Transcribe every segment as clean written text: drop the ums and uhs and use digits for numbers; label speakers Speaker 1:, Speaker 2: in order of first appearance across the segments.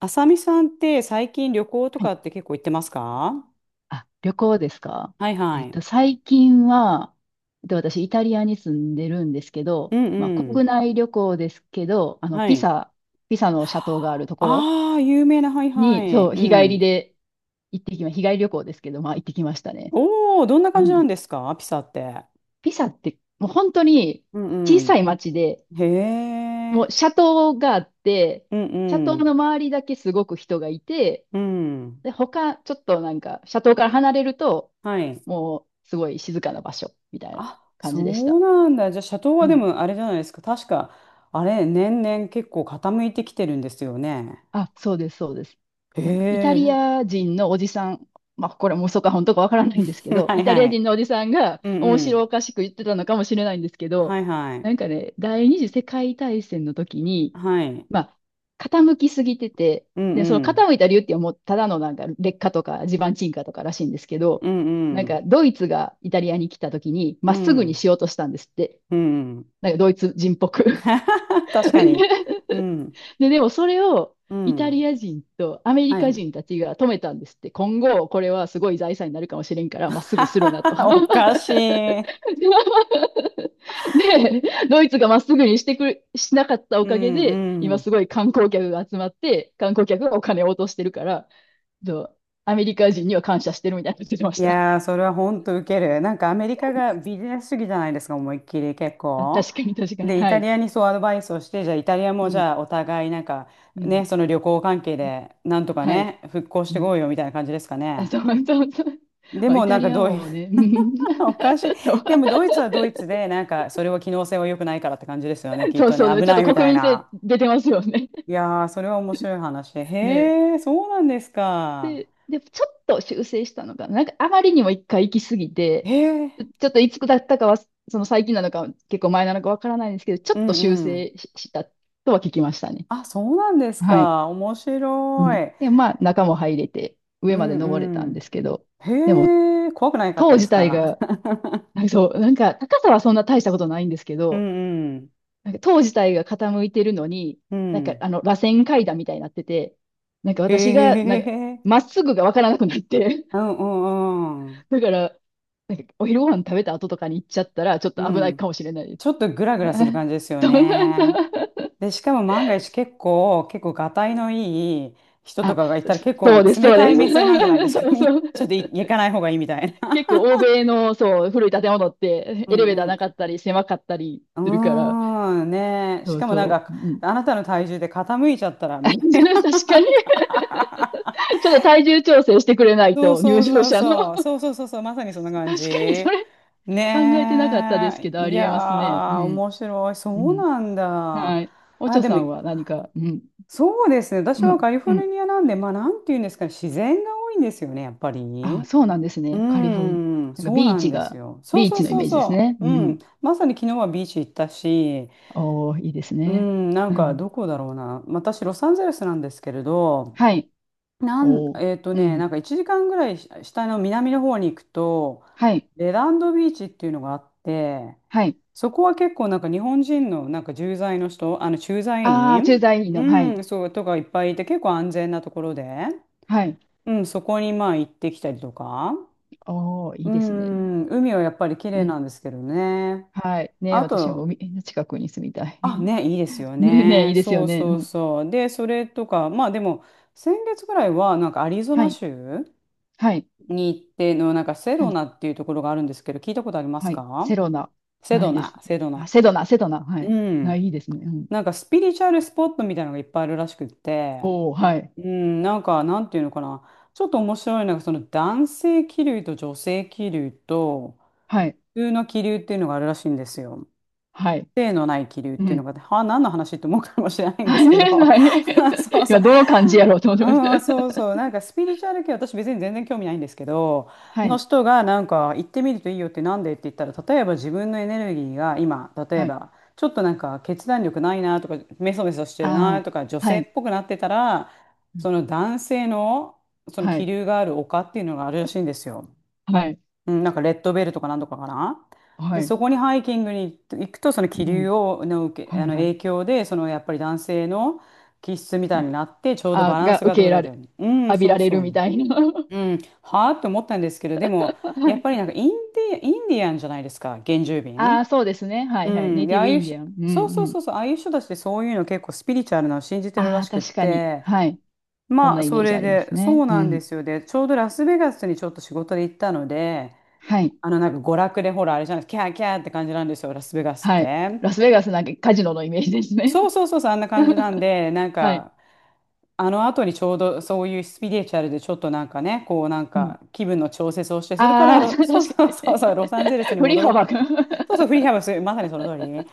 Speaker 1: あさみさんって最近旅行と
Speaker 2: は
Speaker 1: か
Speaker 2: い。
Speaker 1: って結構行ってますか？
Speaker 2: 旅行ですか？
Speaker 1: はいはい。
Speaker 2: 最近は、私、イタリアに住んでるんですけ
Speaker 1: う
Speaker 2: ど、
Speaker 1: んう
Speaker 2: 国
Speaker 1: ん。
Speaker 2: 内旅行ですけど、
Speaker 1: はい。
Speaker 2: ピサの斜塔があるところ
Speaker 1: ああ、有名な、はいは
Speaker 2: に、
Speaker 1: い。
Speaker 2: そう、
Speaker 1: う
Speaker 2: 日帰り
Speaker 1: ん。
Speaker 2: で行ってきま、日帰り旅行ですけど、まあ、行ってきましたね。
Speaker 1: おお、どんな
Speaker 2: う
Speaker 1: 感じな
Speaker 2: ん。
Speaker 1: んですかピサって。
Speaker 2: ピサって、もう本当に
Speaker 1: うん
Speaker 2: 小さ
Speaker 1: う
Speaker 2: い町で、
Speaker 1: ん。へ
Speaker 2: もう
Speaker 1: え。
Speaker 2: 斜塔があって、
Speaker 1: うん
Speaker 2: 斜塔
Speaker 1: う
Speaker 2: の
Speaker 1: ん。
Speaker 2: 周りだけすごく人がいて、
Speaker 1: うん。
Speaker 2: で、他、ちょっとなんか、車道から離れると、
Speaker 1: はい。
Speaker 2: もう、すごい静かな場所、みたいな
Speaker 1: あ、
Speaker 2: 感
Speaker 1: そ
Speaker 2: じでし
Speaker 1: う
Speaker 2: た。
Speaker 1: なんだ。じゃあ、シャトーはで
Speaker 2: はい。
Speaker 1: もあれじゃないですか。確か、あれ、年々結構傾いてきてるんですよね。
Speaker 2: あ、そうです、そうです。
Speaker 1: へ
Speaker 2: なんかイタリ
Speaker 1: え。
Speaker 2: ア人のおじさん、まあ、これも嘘か本当かわからないんですけ ど、
Speaker 1: は
Speaker 2: イ
Speaker 1: い
Speaker 2: タリ
Speaker 1: は
Speaker 2: ア
Speaker 1: い。
Speaker 2: 人のおじさんが
Speaker 1: うん
Speaker 2: 面
Speaker 1: う
Speaker 2: 白
Speaker 1: ん。
Speaker 2: おかしく言ってたのかもしれないんですけ
Speaker 1: は
Speaker 2: ど、
Speaker 1: いはい。
Speaker 2: なんかね、第二次世界大戦の時に、
Speaker 1: はい。
Speaker 2: まあ、傾きすぎてて、
Speaker 1: う
Speaker 2: で、そ
Speaker 1: ん
Speaker 2: の
Speaker 1: うん。
Speaker 2: 傾いた理由っていうのはもうただのなんか劣化とか地盤沈下とからしいんですけど、
Speaker 1: うん
Speaker 2: なん
Speaker 1: うん。
Speaker 2: かドイツがイタリアに来た時に
Speaker 1: う
Speaker 2: まっすぐに
Speaker 1: ん。
Speaker 2: しようとしたんですって。
Speaker 1: うん。
Speaker 2: なんかドイツ人っぽく。
Speaker 1: 確かに。うん。
Speaker 2: で、でもそれを
Speaker 1: う
Speaker 2: イタ
Speaker 1: ん。
Speaker 2: リア人とアメリ
Speaker 1: は
Speaker 2: カ
Speaker 1: い。
Speaker 2: 人たちが止めたんですって、今後これはすごい財産になるかもしれんから、まっすぐするなと。
Speaker 1: おかし い。
Speaker 2: で、ドイツがまっすぐにしてくれ、しなかったお
Speaker 1: う
Speaker 2: かげ
Speaker 1: ん
Speaker 2: で、
Speaker 1: う
Speaker 2: 今す
Speaker 1: ん。
Speaker 2: ごい観光客が集まって、観光客がお金を落としてるから、そうアメリカ人には感謝してるみたいなこと言ってまし
Speaker 1: い
Speaker 2: た。
Speaker 1: やー、それは本当ウケる。なんかアメリカがビジネス主義じゃないですか、思いっきり結
Speaker 2: あ、
Speaker 1: 構。
Speaker 2: 確かに確かに。
Speaker 1: で、イ
Speaker 2: は
Speaker 1: タリ
Speaker 2: い。
Speaker 1: アにそうアドバイスをして、じゃあイタリア
Speaker 2: う
Speaker 1: もじ
Speaker 2: ん。
Speaker 1: ゃあお互いなんか
Speaker 2: う
Speaker 1: ね、
Speaker 2: ん。
Speaker 1: その旅行関係でなんとか
Speaker 2: はい。
Speaker 1: ね、復興し
Speaker 2: う
Speaker 1: て
Speaker 2: ん。
Speaker 1: こうよみたいな感じですか
Speaker 2: あ、
Speaker 1: ね。
Speaker 2: そうそうそう。
Speaker 1: で
Speaker 2: まあ、イ
Speaker 1: もな
Speaker 2: タ
Speaker 1: んか
Speaker 2: リア
Speaker 1: ドイ
Speaker 2: もね。うん。
Speaker 1: おかしい。
Speaker 2: そう。
Speaker 1: でもドイツはドイツで、なんかそれは機能性は良くないからって感じですよね。きっ
Speaker 2: そう
Speaker 1: とね、
Speaker 2: そうね。
Speaker 1: 危
Speaker 2: ちょ
Speaker 1: な
Speaker 2: っと
Speaker 1: いみ
Speaker 2: 国
Speaker 1: たい
Speaker 2: 民性
Speaker 1: な。
Speaker 2: 出てますよね。
Speaker 1: いやー、それは面白い話。
Speaker 2: ね。
Speaker 1: へえ、そうなんですか。
Speaker 2: で、ちょっと修正したのかな。なんかあまりにも一回行き過ぎ
Speaker 1: へ
Speaker 2: て、
Speaker 1: え、
Speaker 2: ちょっといつだったかは、その最近なのか、結構前なのかわからないんですけど、ちょ
Speaker 1: う
Speaker 2: っと
Speaker 1: ん
Speaker 2: 修
Speaker 1: うん。
Speaker 2: 正ししたとは聞きましたね。
Speaker 1: あ、そうなんです
Speaker 2: はい。
Speaker 1: か。面
Speaker 2: う
Speaker 1: 白
Speaker 2: ん。
Speaker 1: い。
Speaker 2: で、まあ、中も入れて、
Speaker 1: う
Speaker 2: 上まで登れ
Speaker 1: ん
Speaker 2: た
Speaker 1: う
Speaker 2: んで
Speaker 1: ん。
Speaker 2: すけど、でも、
Speaker 1: へえ、怖くないかっ
Speaker 2: 塔
Speaker 1: たで
Speaker 2: 自
Speaker 1: す
Speaker 2: 体
Speaker 1: か？
Speaker 2: が、なんかそう、なんか高さはそんな大したことないんですけ
Speaker 1: う
Speaker 2: ど、
Speaker 1: んうん。
Speaker 2: なんか塔自体が傾いてるのに、
Speaker 1: う
Speaker 2: なんか
Speaker 1: ん。
Speaker 2: あの、螺旋階段みたいになってて、なんか私が、
Speaker 1: へ
Speaker 2: なんか、
Speaker 1: え。
Speaker 2: まっすぐがわからなくなって、
Speaker 1: うんうんうん。
Speaker 2: だから、なんかお昼ご飯食べた後とかに行っちゃったら、ちょっと
Speaker 1: う
Speaker 2: 危ない
Speaker 1: ん。
Speaker 2: かもしれないです。
Speaker 1: ちょっとグラグ ラする
Speaker 2: あ、
Speaker 1: 感じですよ
Speaker 2: そんなんだ。
Speaker 1: ね。で、しかも万が一結構、結構がたいのいい人と
Speaker 2: あ、
Speaker 1: かがいたら結構
Speaker 2: そうです、
Speaker 1: 冷
Speaker 2: そう
Speaker 1: た
Speaker 2: で
Speaker 1: い
Speaker 2: す。
Speaker 1: 目線なんじゃないで すか。
Speaker 2: そう
Speaker 1: みんな、
Speaker 2: そう。
Speaker 1: ちょっと行かない方がいいみたいな。
Speaker 2: 結構欧米の、そう、古い建物っ て、
Speaker 1: う
Speaker 2: エ
Speaker 1: ん
Speaker 2: レベータ
Speaker 1: う
Speaker 2: ー
Speaker 1: ん。
Speaker 2: なかったり、狭かったり
Speaker 1: う
Speaker 2: するから、
Speaker 1: ーん、ねえ。し
Speaker 2: そう
Speaker 1: かもなん
Speaker 2: そ
Speaker 1: か、
Speaker 2: う。うん。
Speaker 1: あなたの体重で傾いちゃったら、
Speaker 2: 確
Speaker 1: みたいな。な
Speaker 2: かに、
Speaker 1: んか
Speaker 2: ちょっと体重調整してくれない
Speaker 1: そう
Speaker 2: と、
Speaker 1: そ
Speaker 2: 入
Speaker 1: う
Speaker 2: 場
Speaker 1: そう
Speaker 2: 者の。
Speaker 1: そう。そうそうそうそう。まさにそんな感じ。
Speaker 2: 確かに、それ。考えてなかったです
Speaker 1: ね
Speaker 2: け
Speaker 1: え。
Speaker 2: ど、あ
Speaker 1: い
Speaker 2: り
Speaker 1: や
Speaker 2: えますね。う
Speaker 1: ー、
Speaker 2: ん。
Speaker 1: 面白い。そ
Speaker 2: う
Speaker 1: う
Speaker 2: ん。
Speaker 1: なんだ。
Speaker 2: はい。おち
Speaker 1: あ、
Speaker 2: ょ
Speaker 1: で
Speaker 2: さ
Speaker 1: も、
Speaker 2: んは何か、うん。
Speaker 1: そうですね。私
Speaker 2: う
Speaker 1: は
Speaker 2: ん。
Speaker 1: カリフ
Speaker 2: う
Speaker 1: ォル
Speaker 2: ん。
Speaker 1: ニアなんで、まあ、なんていうんですかね、自然が多いんですよね、やっぱり
Speaker 2: あ、
Speaker 1: ね。
Speaker 2: そうなんです
Speaker 1: う
Speaker 2: ね。カリフォルニ
Speaker 1: ーん、
Speaker 2: ア。なんか
Speaker 1: そう
Speaker 2: ビー
Speaker 1: なん
Speaker 2: チ
Speaker 1: です
Speaker 2: が、
Speaker 1: よ。そう
Speaker 2: ビー
Speaker 1: そう
Speaker 2: チのイ
Speaker 1: そう
Speaker 2: メージです
Speaker 1: そ
Speaker 2: ね。う
Speaker 1: う。う
Speaker 2: ん。
Speaker 1: ん、まさに昨日はビーチ行ったし、
Speaker 2: おー、いいです
Speaker 1: う
Speaker 2: ね。
Speaker 1: ん、なん
Speaker 2: う
Speaker 1: か
Speaker 2: ん。
Speaker 1: どこだろうな。私、ロサンゼルスなんですけれど、
Speaker 2: はい。おー。
Speaker 1: えっと
Speaker 2: う
Speaker 1: ね、
Speaker 2: ん。
Speaker 1: なんか1時間ぐらいし下の南の方に行くと、
Speaker 2: はい。
Speaker 1: レランドビーチっていうのがあって、
Speaker 2: はい。
Speaker 1: そこは結構なんか日本人のなんか駐在の人、あの駐在
Speaker 2: ああ、駐
Speaker 1: 員、
Speaker 2: 在員の。は
Speaker 1: う
Speaker 2: い。
Speaker 1: ん、そうとかいっぱいいて結構安全なところで、
Speaker 2: はい。
Speaker 1: うん、そこにまあ行ってきたりとか、
Speaker 2: おー、い
Speaker 1: う
Speaker 2: いですね。
Speaker 1: ん、海はやっぱり綺
Speaker 2: う
Speaker 1: 麗なんで
Speaker 2: ん。
Speaker 1: すけどね。
Speaker 2: はい。ね、
Speaker 1: あ
Speaker 2: 私も
Speaker 1: と、
Speaker 2: 海の近くに住みたい。
Speaker 1: あ、ね、いいです よ
Speaker 2: ね、ね、いい
Speaker 1: ね。
Speaker 2: ですよ
Speaker 1: そう
Speaker 2: ね。
Speaker 1: そ
Speaker 2: う
Speaker 1: う
Speaker 2: ん。
Speaker 1: そう。で、それとか、まあでも先月ぐらいはなんかアリゾ
Speaker 2: は
Speaker 1: ナ
Speaker 2: い。
Speaker 1: 州
Speaker 2: はい。
Speaker 1: に行ってのなんかセ
Speaker 2: は
Speaker 1: ド
Speaker 2: い
Speaker 1: ナっていうところがあるんですけど、聞いたことあります
Speaker 2: はい。
Speaker 1: か？
Speaker 2: セロナ、
Speaker 1: セ
Speaker 2: な
Speaker 1: ド
Speaker 2: いです。
Speaker 1: ナ、セド
Speaker 2: あ、
Speaker 1: ナ。
Speaker 2: セドナ、セドナ、はい。
Speaker 1: う
Speaker 2: な
Speaker 1: ん。
Speaker 2: いですね。うん。
Speaker 1: なんかスピリチュアルスポットみたいなのがいっぱいあるらしくって、
Speaker 2: おお、はい。
Speaker 1: うん、なんか、なんていうのかな。ちょっと面白いのが、その男性気流と女性気流と、
Speaker 2: はい。
Speaker 1: 普通の気流っていうのがあるらしいんですよ。
Speaker 2: はい。
Speaker 1: 性のない気流っ
Speaker 2: う
Speaker 1: ていうの
Speaker 2: ん。
Speaker 1: が、は何の話って思うかもしれないんで
Speaker 2: はい。
Speaker 1: すけど、
Speaker 2: ない。
Speaker 1: そうそ
Speaker 2: 今、
Speaker 1: う。
Speaker 2: どの感じやろうと思ってました。
Speaker 1: うん、そう そう、なんかスピリチュアル系、私別に全然興味ないんですけど、
Speaker 2: は
Speaker 1: の
Speaker 2: い。
Speaker 1: 人がなんか行ってみるといいよってなんでって言ったら、例えば自分のエネルギーが今、例え
Speaker 2: はい。
Speaker 1: ばちょっとなんか決断力ないなとか、メソメソしてるな
Speaker 2: ああ、
Speaker 1: とか、女
Speaker 2: は
Speaker 1: 性
Speaker 2: い。
Speaker 1: っぽくなってたら、
Speaker 2: うん。
Speaker 1: その男性のその
Speaker 2: は
Speaker 1: 気
Speaker 2: い。
Speaker 1: 流がある丘っていうのがあるらしいんですよ。
Speaker 2: はい。
Speaker 1: うん、なんかレッドベルとかなんとかかな。で、
Speaker 2: はい。
Speaker 1: そこにハイキングに行くと、その
Speaker 2: う
Speaker 1: 気流
Speaker 2: ん。
Speaker 1: をの受け、
Speaker 2: は
Speaker 1: あ
Speaker 2: い、
Speaker 1: の
Speaker 2: はい。
Speaker 1: 影響で、そのやっぱり男性の気質みたい
Speaker 2: ね、
Speaker 1: になって、ちょうど
Speaker 2: あ、
Speaker 1: バラン
Speaker 2: が
Speaker 1: ス
Speaker 2: 受
Speaker 1: が
Speaker 2: け入
Speaker 1: 取
Speaker 2: れ
Speaker 1: れ
Speaker 2: られ、
Speaker 1: る。うん、
Speaker 2: 浴び
Speaker 1: そ
Speaker 2: ら
Speaker 1: う
Speaker 2: れ
Speaker 1: そ
Speaker 2: るみ
Speaker 1: う。
Speaker 2: たいな。は
Speaker 1: うん、はあって思ったんですけど、でも、やっぱり
Speaker 2: い。
Speaker 1: なんかインディアンじゃないですか、原住
Speaker 2: あ
Speaker 1: 民。
Speaker 2: あ、そうですね。は
Speaker 1: う
Speaker 2: い、はい。ネ
Speaker 1: ん、
Speaker 2: イ
Speaker 1: で、
Speaker 2: ティ
Speaker 1: あ
Speaker 2: ブ
Speaker 1: あいう
Speaker 2: インデ
Speaker 1: し、
Speaker 2: ィアン。う
Speaker 1: そう
Speaker 2: ん、
Speaker 1: そう
Speaker 2: うん。
Speaker 1: そうそう、ああいう人たちってそういうの結構スピリチュアルなのを信じてるら
Speaker 2: ああ、
Speaker 1: しくっ
Speaker 2: 確かに。
Speaker 1: て、
Speaker 2: はい。そん
Speaker 1: まあ、
Speaker 2: なイ
Speaker 1: そ
Speaker 2: メージ
Speaker 1: れ
Speaker 2: ありま
Speaker 1: で、
Speaker 2: す
Speaker 1: そう
Speaker 2: ね。う
Speaker 1: なんで
Speaker 2: ん。
Speaker 1: すよ。で、ちょうどラスベガスにちょっと仕事で行ったので、
Speaker 2: はい。
Speaker 1: あの、なんか娯楽で、ほら、あれじゃないですか、キャーキャーって感じなんですよ、ラスベガスっ
Speaker 2: はい。
Speaker 1: て。
Speaker 2: ラスベガスなんかカジノのイメージですね。
Speaker 1: そうそうそうそう、あんな感じなんで、なん
Speaker 2: はい。
Speaker 1: か、あの後にちょうどそういうスピリチュアルでちょっとなんかね、こうなん
Speaker 2: うん。
Speaker 1: か気分の調節をして、それから
Speaker 2: ああ。
Speaker 1: ロ、
Speaker 2: 確か
Speaker 1: そうそうそ
Speaker 2: に。
Speaker 1: うそう、ロサンゼルス に
Speaker 2: 振り
Speaker 1: 戻ろう
Speaker 2: 幅
Speaker 1: か
Speaker 2: が。
Speaker 1: な。そうそう、フリーハウス、まさにその通り。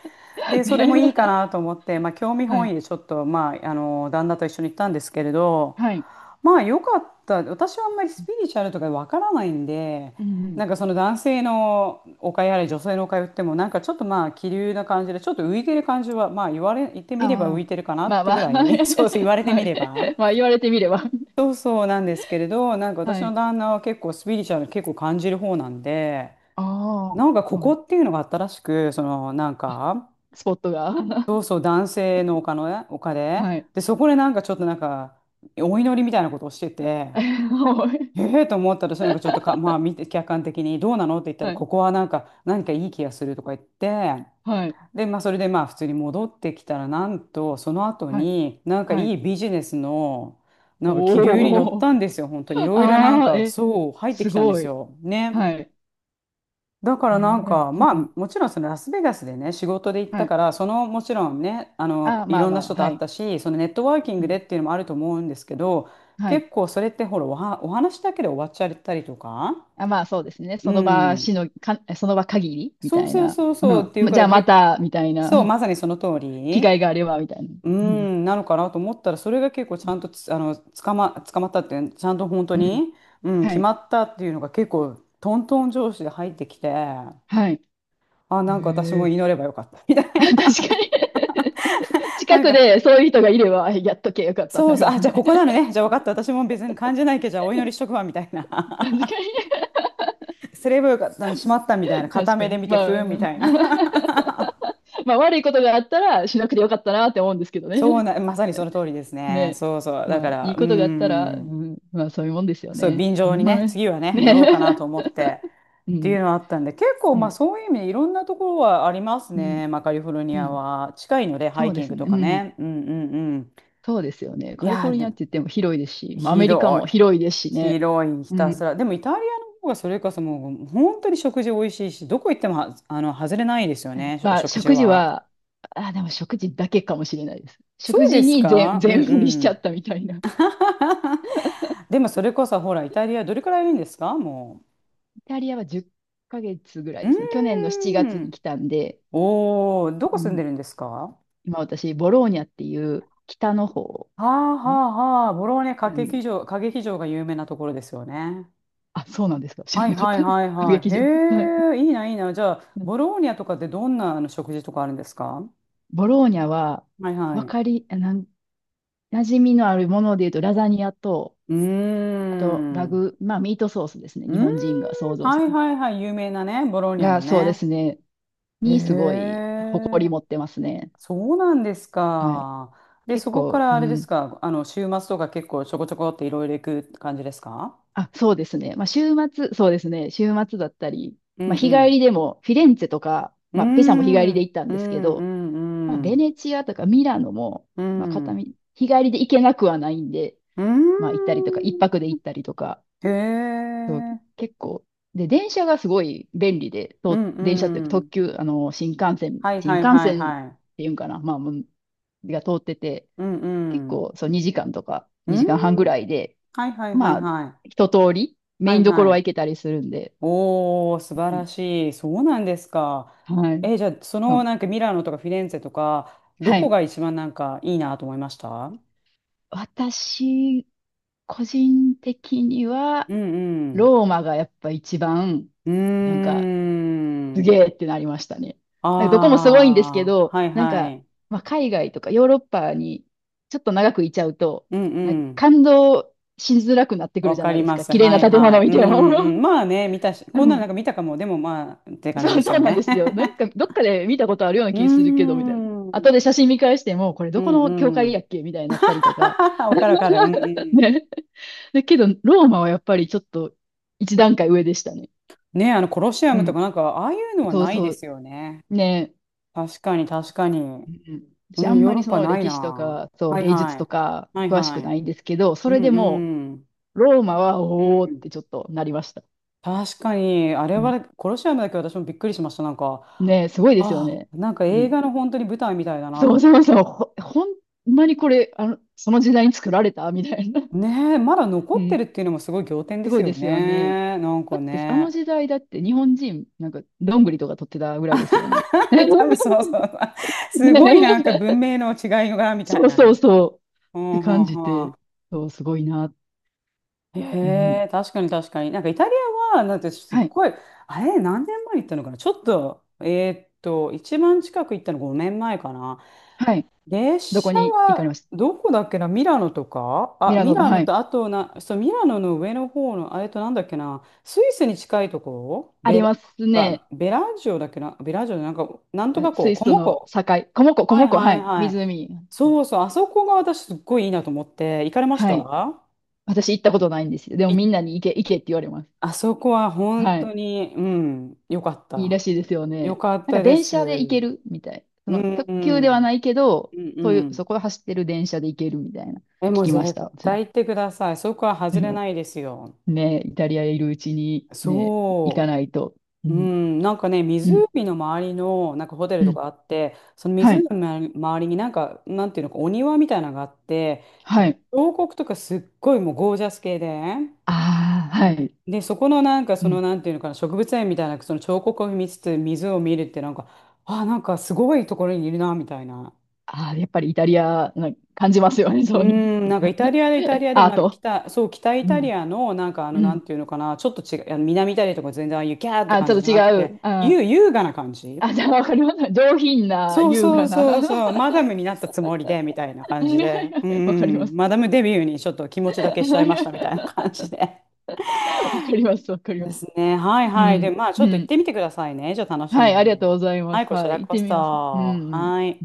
Speaker 1: で、それもいいか
Speaker 2: ね。
Speaker 1: なと思って、まあ興味
Speaker 2: は
Speaker 1: 本
Speaker 2: い。
Speaker 1: 位でちょっと、まあ、あの、旦那と一緒に行ったんですけれど、
Speaker 2: はい。
Speaker 1: まあ良かった。私はあんまりスピリチュアルとかわからないんで、
Speaker 2: うんうん。
Speaker 1: なんかその男性のお買いあれ、女性のお買い売っても、なんかちょっとまあ気流な感じで、ちょっと浮いてる感じは、言って
Speaker 2: あ
Speaker 1: みれば浮
Speaker 2: あ。
Speaker 1: いてるかな
Speaker 2: ま
Speaker 1: っ
Speaker 2: あ
Speaker 1: て
Speaker 2: まあ。
Speaker 1: ぐ らい、
Speaker 2: は
Speaker 1: そうそう言
Speaker 2: い。
Speaker 1: われて
Speaker 2: は
Speaker 1: みれば。
Speaker 2: い、まあ言われてみれば。
Speaker 1: そうそうなんですけれど、なんか私
Speaker 2: は
Speaker 1: の
Speaker 2: い。
Speaker 1: 旦那は結構スピリチュアル結構感じる方なんで、
Speaker 2: あ
Speaker 1: なんかこ
Speaker 2: あ。は
Speaker 1: こ
Speaker 2: い。
Speaker 1: っていうのがあったらしく、そのなん
Speaker 2: あ、
Speaker 1: か、
Speaker 2: スポットが。
Speaker 1: そ うそう男性のおのね、おで、
Speaker 2: はい。
Speaker 1: で、そこでなんかちょっとなんか、お祈りみたいなことをしてて、
Speaker 2: はい。
Speaker 1: ええと思ったら、それなんかちょっとか、まあ見て、客観的にどうなのって言ったら、
Speaker 2: はい。
Speaker 1: ここはなんか、何かいい気がするとか言って、
Speaker 2: はい。
Speaker 1: で、まあそれでまあ普通に戻ってきたら、なんと、その後
Speaker 2: はい。
Speaker 1: に、なんか
Speaker 2: はい。
Speaker 1: いいビジネスの、なんか気流に乗っ
Speaker 2: お
Speaker 1: た
Speaker 2: お。
Speaker 1: んですよ。本当い ろいろなん
Speaker 2: ああ、
Speaker 1: か、
Speaker 2: え、
Speaker 1: そう、入って
Speaker 2: す
Speaker 1: きたんで
Speaker 2: ご
Speaker 1: す
Speaker 2: い。
Speaker 1: よ。ね。
Speaker 2: はい。
Speaker 1: だか
Speaker 2: え
Speaker 1: らなん
Speaker 2: ー、
Speaker 1: か、まあ、
Speaker 2: うん。
Speaker 1: もちろんそのラスベガスでね、仕事で行っ
Speaker 2: は
Speaker 1: たか
Speaker 2: い。
Speaker 1: ら、そのもちろんね、あの、
Speaker 2: あ、
Speaker 1: い
Speaker 2: まあ
Speaker 1: ろん
Speaker 2: ま
Speaker 1: な
Speaker 2: あ、
Speaker 1: 人と
Speaker 2: は
Speaker 1: 会っ
Speaker 2: い。
Speaker 1: たし、そのネットワーキン
Speaker 2: う
Speaker 1: グで
Speaker 2: ん、
Speaker 1: っていうのもあると思うんですけど、
Speaker 2: はい。
Speaker 1: 結構それってほら、お話だけで終わっちゃったりとか、
Speaker 2: あ、まあそうですね。そ
Speaker 1: う
Speaker 2: の場
Speaker 1: ん、
Speaker 2: しの、か、その場限りみ
Speaker 1: そ
Speaker 2: た
Speaker 1: う
Speaker 2: い
Speaker 1: そう
Speaker 2: な。
Speaker 1: そう
Speaker 2: う
Speaker 1: そうっ
Speaker 2: ん。
Speaker 1: ていう
Speaker 2: ま、
Speaker 1: か
Speaker 2: じゃ
Speaker 1: ら
Speaker 2: あま
Speaker 1: 結構、
Speaker 2: た、みたいな。
Speaker 1: そう、まさにその通
Speaker 2: 機
Speaker 1: り、
Speaker 2: 会があれば、みたいな。
Speaker 1: う
Speaker 2: うん。
Speaker 1: ん、なのかなと思ったら、それが結構ちゃんとつ、あの、捕まったっていう、ちゃんと本当
Speaker 2: うん。
Speaker 1: に、うん、
Speaker 2: は
Speaker 1: 決
Speaker 2: い。
Speaker 1: まったっていうのが結構、トントン上司で入ってきて、
Speaker 2: はい。
Speaker 1: あ、
Speaker 2: へ
Speaker 1: なんか私も
Speaker 2: え。
Speaker 1: 祈ればよかった。みたい
Speaker 2: 確
Speaker 1: な。
Speaker 2: かに。
Speaker 1: な
Speaker 2: 近
Speaker 1: ん
Speaker 2: く
Speaker 1: か、
Speaker 2: でそういう人がいれば、やっとけよかったって
Speaker 1: そう
Speaker 2: なり
Speaker 1: そう。
Speaker 2: ま
Speaker 1: あ、
Speaker 2: す
Speaker 1: じゃあこ
Speaker 2: ね。
Speaker 1: こなのね。じゃあ分かった。私も別に感じないけど、じゃあお祈りしとくわ。みたいな。
Speaker 2: 確か
Speaker 1: すればよかった。しまった。みたいな。
Speaker 2: に。
Speaker 1: 片
Speaker 2: 確
Speaker 1: 目
Speaker 2: か
Speaker 1: で
Speaker 2: に。
Speaker 1: 見
Speaker 2: ま
Speaker 1: て、ふーん。みた
Speaker 2: あ、
Speaker 1: いな。
Speaker 2: まあ悪いことがあったらしなくてよかったなって思うんですけど
Speaker 1: そう
Speaker 2: ね。
Speaker 1: な、まさにその通りですね。
Speaker 2: ね、
Speaker 1: そうそう。だ
Speaker 2: ま
Speaker 1: か
Speaker 2: あ、い
Speaker 1: ら、
Speaker 2: い
Speaker 1: うー
Speaker 2: ことがあったら、う
Speaker 1: ん。
Speaker 2: ん、まあ、そういうもんですよ
Speaker 1: そう、
Speaker 2: ね。
Speaker 1: 便 乗に
Speaker 2: まあ
Speaker 1: ね、
Speaker 2: ね。
Speaker 1: 次はね、乗
Speaker 2: ね。
Speaker 1: ろうかなと 思って。
Speaker 2: う
Speaker 1: ってい
Speaker 2: ん、
Speaker 1: うのはあったんで、結構
Speaker 2: う
Speaker 1: まあ
Speaker 2: ん、
Speaker 1: そういう意味でいろんなところはあります
Speaker 2: うん、
Speaker 1: ね。まあカリフォルニ
Speaker 2: う
Speaker 1: ア
Speaker 2: ん。
Speaker 1: は。近いので、ハ
Speaker 2: そ
Speaker 1: イ
Speaker 2: うで
Speaker 1: キン
Speaker 2: す
Speaker 1: グと
Speaker 2: ね。う
Speaker 1: か
Speaker 2: ん。
Speaker 1: ね。うんうんうん。
Speaker 2: そうですよね。
Speaker 1: い
Speaker 2: カリフ
Speaker 1: や
Speaker 2: ォ
Speaker 1: ー、
Speaker 2: ルニアっ
Speaker 1: で
Speaker 2: て言っても広いですし、まあ、アメリカ
Speaker 1: 広
Speaker 2: も
Speaker 1: い。
Speaker 2: 広いですしね。
Speaker 1: 広い、ひ
Speaker 2: う
Speaker 1: たす
Speaker 2: ん。
Speaker 1: ら。でもイタリアの方がそれこそもう本当に食事美味しいし、どこ行っても、は、外れないですよね、お
Speaker 2: まあ、
Speaker 1: 食事
Speaker 2: 食事
Speaker 1: は。
Speaker 2: は、あ、でも食事だけかもしれないです。
Speaker 1: そ
Speaker 2: 食
Speaker 1: うで
Speaker 2: 事
Speaker 1: す
Speaker 2: に全、
Speaker 1: か、う
Speaker 2: 全
Speaker 1: んう
Speaker 2: 振りしちゃ
Speaker 1: ん。
Speaker 2: ったみたいな。
Speaker 1: でもそれこそほら、イタリアどれくらいいるんですか？も
Speaker 2: イタリアは10ヶ月ぐら
Speaker 1: う、
Speaker 2: いですね。去年の7
Speaker 1: うー
Speaker 2: 月に
Speaker 1: ん。
Speaker 2: 来たんで、
Speaker 1: おお、ど
Speaker 2: う
Speaker 1: こ住ん
Speaker 2: ん、
Speaker 1: でるんですか？は
Speaker 2: 今私、ボローニャっていう北の方、
Speaker 1: あは
Speaker 2: ん
Speaker 1: あはあ、ボローニャ歌
Speaker 2: なん
Speaker 1: 劇場、歌劇場が有名なところですよね。
Speaker 2: あ、そうなんですか。知ら
Speaker 1: はい
Speaker 2: なかっ
Speaker 1: はい
Speaker 2: たです。
Speaker 1: はい
Speaker 2: 歌
Speaker 1: は
Speaker 2: 劇
Speaker 1: い。
Speaker 2: 場。はい。
Speaker 1: へえ、いいな、いいな。じゃあ、
Speaker 2: うん。
Speaker 1: ボローニャとかってどんな食事とかあるんですか？
Speaker 2: ボローニャは、
Speaker 1: はいは
Speaker 2: わ
Speaker 1: い。
Speaker 2: かり、なん、馴染みのあるもので言うと、ラザニアと、
Speaker 1: うー
Speaker 2: あと、ラ
Speaker 1: ん。
Speaker 2: グ、まあ、ミートソースですね。
Speaker 1: う
Speaker 2: 日
Speaker 1: ーん。
Speaker 2: 本人が想像
Speaker 1: は
Speaker 2: する。
Speaker 1: いはいはい。有名なね、ボローニャの
Speaker 2: が、そうで
Speaker 1: ね。
Speaker 2: すね。
Speaker 1: へ
Speaker 2: に、すごい、誇り
Speaker 1: え。
Speaker 2: 持ってますね。
Speaker 1: そうなんです
Speaker 2: はい。
Speaker 1: か。で、
Speaker 2: 結
Speaker 1: そこか
Speaker 2: 構、
Speaker 1: ら
Speaker 2: う
Speaker 1: あれです
Speaker 2: ん。
Speaker 1: か。週末とか結構ちょこちょこっていろいろ行く感じですか？
Speaker 2: あ、そうですね。まあ、週末、そうですね。週末だったり、
Speaker 1: う
Speaker 2: まあ、日帰
Speaker 1: ん
Speaker 2: りでも、フィレンツェとか、
Speaker 1: う
Speaker 2: まあ、ペサも日帰
Speaker 1: ん。
Speaker 2: り
Speaker 1: う
Speaker 2: で
Speaker 1: ーん。
Speaker 2: 行ったん
Speaker 1: う
Speaker 2: ですけ
Speaker 1: んう
Speaker 2: ど、まあ、
Speaker 1: んう
Speaker 2: ベ
Speaker 1: ん。
Speaker 2: ネチアとかミラノも、
Speaker 1: う
Speaker 2: まあ、片道、
Speaker 1: ん。
Speaker 2: 日帰りで行けなくはないんで、
Speaker 1: うー
Speaker 2: まあ、行ったりとか、一泊で
Speaker 1: ん。
Speaker 2: 行ったりとか、
Speaker 1: へ
Speaker 2: そう
Speaker 1: え。
Speaker 2: 結構、で、電車がすごい便利で、
Speaker 1: う
Speaker 2: と
Speaker 1: んう
Speaker 2: 電車っていうか特
Speaker 1: ん。
Speaker 2: 急、
Speaker 1: はい
Speaker 2: 新
Speaker 1: はい
Speaker 2: 幹
Speaker 1: はい
Speaker 2: 線っ
Speaker 1: はい。
Speaker 2: ていうんかな、まあ、もうが通ってて、
Speaker 1: うん
Speaker 2: 結
Speaker 1: うん。
Speaker 2: 構、そう、2時間とか、
Speaker 1: う
Speaker 2: 2
Speaker 1: ん。
Speaker 2: 時間半ぐらいで、
Speaker 1: はいはいはい
Speaker 2: まあ、
Speaker 1: はい。
Speaker 2: 一通り、メ
Speaker 1: は
Speaker 2: イン
Speaker 1: い
Speaker 2: どこ
Speaker 1: は
Speaker 2: ろは行
Speaker 1: い。
Speaker 2: けたりするんで、
Speaker 1: おー、素晴
Speaker 2: うん。
Speaker 1: らしい。そうなんですか。
Speaker 2: はい。
Speaker 1: え、じゃあ、そ
Speaker 2: う
Speaker 1: の
Speaker 2: ん。
Speaker 1: なんかミラノとかフィレンツェとか、ど
Speaker 2: は
Speaker 1: こ
Speaker 2: い。
Speaker 1: が一番なんかいいなと思いました？
Speaker 2: 私、個人的には、
Speaker 1: うんうん。
Speaker 2: ローマがやっぱ一番、
Speaker 1: うー
Speaker 2: なんか、すげ
Speaker 1: ん。
Speaker 2: えってなりましたね。なんかどこもすごいんですけ
Speaker 1: ああ、
Speaker 2: ど、
Speaker 1: はい
Speaker 2: なん
Speaker 1: は
Speaker 2: か、
Speaker 1: い。
Speaker 2: まあ、海外とかヨーロッパにちょっと長くいちゃうと、
Speaker 1: うん
Speaker 2: なんか
Speaker 1: うん。
Speaker 2: 感動しづらくなってくる
Speaker 1: わ
Speaker 2: じゃ
Speaker 1: か
Speaker 2: ない
Speaker 1: り
Speaker 2: です
Speaker 1: ま
Speaker 2: か。
Speaker 1: す。
Speaker 2: 綺麗
Speaker 1: は
Speaker 2: な
Speaker 1: い
Speaker 2: 建
Speaker 1: は
Speaker 2: 物
Speaker 1: い。う
Speaker 2: 見ても。
Speaker 1: んうん。まあね、見たし、
Speaker 2: う
Speaker 1: こんなのなん
Speaker 2: ん。
Speaker 1: か見たかも。でもまあ、って感
Speaker 2: そ
Speaker 1: じで
Speaker 2: う、
Speaker 1: す
Speaker 2: そ
Speaker 1: よ
Speaker 2: うなんで
Speaker 1: ね。
Speaker 2: すよ。なんか、ど っかで見たことあるような
Speaker 1: うー
Speaker 2: 気するけど、みたいな。
Speaker 1: ん。う
Speaker 2: 後で写真見返しても、これ
Speaker 1: ん
Speaker 2: どこの教
Speaker 1: う
Speaker 2: 会や
Speaker 1: ん。
Speaker 2: っけみたいになったりとか。
Speaker 1: わかるわかる。うんう ん。
Speaker 2: ね。だけど、ローマはやっぱりちょっと一段階上でしたね。
Speaker 1: ね、コロシア
Speaker 2: う
Speaker 1: ムと
Speaker 2: ん。
Speaker 1: かなんか、ああいうのは
Speaker 2: そう
Speaker 1: ないで
Speaker 2: そ
Speaker 1: す
Speaker 2: う。
Speaker 1: よね。
Speaker 2: ね。
Speaker 1: 確かに、確かに。
Speaker 2: うん、私
Speaker 1: う
Speaker 2: あ
Speaker 1: ん、
Speaker 2: ん
Speaker 1: ヨー
Speaker 2: ま
Speaker 1: ロ
Speaker 2: り
Speaker 1: ッ
Speaker 2: そ
Speaker 1: パ
Speaker 2: の
Speaker 1: ない
Speaker 2: 歴史と
Speaker 1: な。
Speaker 2: か、そう、
Speaker 1: はい
Speaker 2: 芸術
Speaker 1: は
Speaker 2: と
Speaker 1: い。
Speaker 2: か
Speaker 1: はい
Speaker 2: 詳し
Speaker 1: は
Speaker 2: く
Speaker 1: い。
Speaker 2: ないんですけど、そ
Speaker 1: う
Speaker 2: れで
Speaker 1: ん
Speaker 2: も
Speaker 1: うん。
Speaker 2: ローマは
Speaker 1: う
Speaker 2: おおっ
Speaker 1: ん、
Speaker 2: てちょっとなりました。
Speaker 1: 確かに、あれ
Speaker 2: うん、
Speaker 1: は、コロシアムだけ私もびっくりしました。なんか、
Speaker 2: ねえ、すごいですよ
Speaker 1: あ
Speaker 2: ね。
Speaker 1: あ、なんか
Speaker 2: う
Speaker 1: 映
Speaker 2: ん、
Speaker 1: 画の本当に舞台みたいだなと
Speaker 2: そ
Speaker 1: 思
Speaker 2: う
Speaker 1: っ
Speaker 2: そ
Speaker 1: て。
Speaker 2: うそう、ほ、ほんまにこれ、あの、その時代に作られたみたいな。
Speaker 1: ねえ、まだ
Speaker 2: う
Speaker 1: 残って
Speaker 2: ん、
Speaker 1: るっていうのもすごい仰天で
Speaker 2: すご
Speaker 1: す
Speaker 2: いで
Speaker 1: よ
Speaker 2: すよね。
Speaker 1: ね。なん
Speaker 2: だ
Speaker 1: か
Speaker 2: って、あの
Speaker 1: ね。
Speaker 2: 時代だって日本人、なんか、どんぐりとか取ってたぐらいですよね。ねえ、
Speaker 1: 多分そうそうそう。すごいなんか文明の違いが、み
Speaker 2: そ
Speaker 1: たい
Speaker 2: う
Speaker 1: な
Speaker 2: そう
Speaker 1: ね。
Speaker 2: そう。
Speaker 1: う
Speaker 2: って感
Speaker 1: ん
Speaker 2: じ
Speaker 1: うん、
Speaker 2: て、そう、すごいな。
Speaker 1: へ
Speaker 2: うん、
Speaker 1: え、確かに確かに。なんかイタリアは、なんてすっ
Speaker 2: はい、
Speaker 1: ごい、あれ、何年前に行ったのかなちょっと、一番近く行ったの5年前かな。
Speaker 2: はい。
Speaker 1: 列
Speaker 2: どこ
Speaker 1: 車
Speaker 2: に行かれ
Speaker 1: は、
Speaker 2: ました？
Speaker 1: どこだっけな、ミラノとか、
Speaker 2: ミ
Speaker 1: あ、
Speaker 2: ラ
Speaker 1: ミ
Speaker 2: ノの、
Speaker 1: ラ
Speaker 2: は
Speaker 1: ノ
Speaker 2: い。
Speaker 1: と、あとな、そう、ミラノの上の方の、あれとなんだっけな、スイスに近いところ、
Speaker 2: あ
Speaker 1: ベ
Speaker 2: ります
Speaker 1: ラ、
Speaker 2: ね。
Speaker 1: あ、ベラジオだっけな、ベラジオでなんか、なん
Speaker 2: う
Speaker 1: と
Speaker 2: ん、
Speaker 1: か
Speaker 2: ス
Speaker 1: こ
Speaker 2: イ
Speaker 1: う、コ
Speaker 2: スと
Speaker 1: モ
Speaker 2: の
Speaker 1: コ。
Speaker 2: 境。コモコ、コ
Speaker 1: はい
Speaker 2: モコ、
Speaker 1: は
Speaker 2: は
Speaker 1: い
Speaker 2: い。
Speaker 1: はい。
Speaker 2: 湖。
Speaker 1: そうそう、あそこが私すっごいいいなと思って、行かれまし
Speaker 2: はい。
Speaker 1: た？
Speaker 2: 私行ったことないんですよ。でも
Speaker 1: 行
Speaker 2: みん
Speaker 1: っ、
Speaker 2: なに行け、行けって言われます。
Speaker 1: あそこは本
Speaker 2: は
Speaker 1: 当
Speaker 2: い。
Speaker 1: に、うん、よかっ
Speaker 2: いいら
Speaker 1: た。
Speaker 2: しいですよ
Speaker 1: よ
Speaker 2: ね。
Speaker 1: かっ
Speaker 2: なんか
Speaker 1: たで
Speaker 2: 電
Speaker 1: す。
Speaker 2: 車で行け
Speaker 1: う
Speaker 2: るみたい。その
Speaker 1: ん
Speaker 2: 特
Speaker 1: う
Speaker 2: 急では
Speaker 1: ん、
Speaker 2: ないけど、
Speaker 1: うん
Speaker 2: そうい
Speaker 1: う
Speaker 2: う、
Speaker 1: ん。
Speaker 2: そこを走ってる電車で行けるみたいな。
Speaker 1: え、も
Speaker 2: 聞
Speaker 1: う
Speaker 2: きまし
Speaker 1: 絶
Speaker 2: た。
Speaker 1: 対行ってください。そこは外れな いですよ。
Speaker 2: ね、イタリアいるうちにね、行か
Speaker 1: そ
Speaker 2: ないと。う
Speaker 1: う。う
Speaker 2: ん、
Speaker 1: ん、なんかね、
Speaker 2: うん、
Speaker 1: 湖の周りのなんかホテ
Speaker 2: う
Speaker 1: ルと
Speaker 2: ん。
Speaker 1: かあって、その
Speaker 2: は
Speaker 1: 湖
Speaker 2: い、
Speaker 1: の周りになんか、なんていうのか、お庭みたいなのがあって、
Speaker 2: は
Speaker 1: もう
Speaker 2: い。
Speaker 1: 彫刻とかすっごいもうゴージャス系で、
Speaker 2: ああ、はい。
Speaker 1: で、そこのなんか
Speaker 2: う
Speaker 1: その、
Speaker 2: ん。
Speaker 1: なんていうのかな、植物園みたいなその彫刻を見つつ水を見るってなんか、あ、なんかすごいところにいるなみたいな。
Speaker 2: ああ、やっぱりイタリアな感じますよね、
Speaker 1: うー
Speaker 2: そういう。
Speaker 1: ん、なんかイタリアで、イタリ アでも
Speaker 2: アー
Speaker 1: なんか
Speaker 2: ト。
Speaker 1: 北、そう北イ
Speaker 2: う
Speaker 1: タリ
Speaker 2: ん。
Speaker 1: アのなんか
Speaker 2: う
Speaker 1: なん
Speaker 2: ん。
Speaker 1: ていうのかな、ちょっと違う、南イタリアとか全然ああいうキャーって
Speaker 2: あ、
Speaker 1: 感
Speaker 2: ちょ
Speaker 1: じ
Speaker 2: っ
Speaker 1: じゃ
Speaker 2: と違
Speaker 1: なくて、
Speaker 2: う。あ
Speaker 1: 優、優雅な感じ。
Speaker 2: あ、じゃあわかります。上品な、
Speaker 1: そう
Speaker 2: 優
Speaker 1: そ
Speaker 2: 雅
Speaker 1: う
Speaker 2: な。
Speaker 1: そうそう、
Speaker 2: は
Speaker 1: マダムになったつもりでみたいな感じ
Speaker 2: いはい
Speaker 1: で、
Speaker 2: は
Speaker 1: う
Speaker 2: い、わかりま
Speaker 1: ん、
Speaker 2: す。
Speaker 1: マダムデビューにちょっと気持ちだけしちゃいましたみたい な感じで。
Speaker 2: わかります、わかりま
Speaker 1: で
Speaker 2: す。
Speaker 1: すね。はい
Speaker 2: う
Speaker 1: はい。で、
Speaker 2: ん。
Speaker 1: まあ、ち
Speaker 2: う
Speaker 1: ょっと行っ
Speaker 2: ん。
Speaker 1: てみてくださいね。じゃあ楽しい
Speaker 2: はい、
Speaker 1: の
Speaker 2: あ
Speaker 1: で。
Speaker 2: りがとうございま
Speaker 1: はい、
Speaker 2: す。
Speaker 1: こち
Speaker 2: は
Speaker 1: ら
Speaker 2: い、行っ
Speaker 1: こ
Speaker 2: てみます。うん。
Speaker 1: そ。
Speaker 2: うん。
Speaker 1: はい。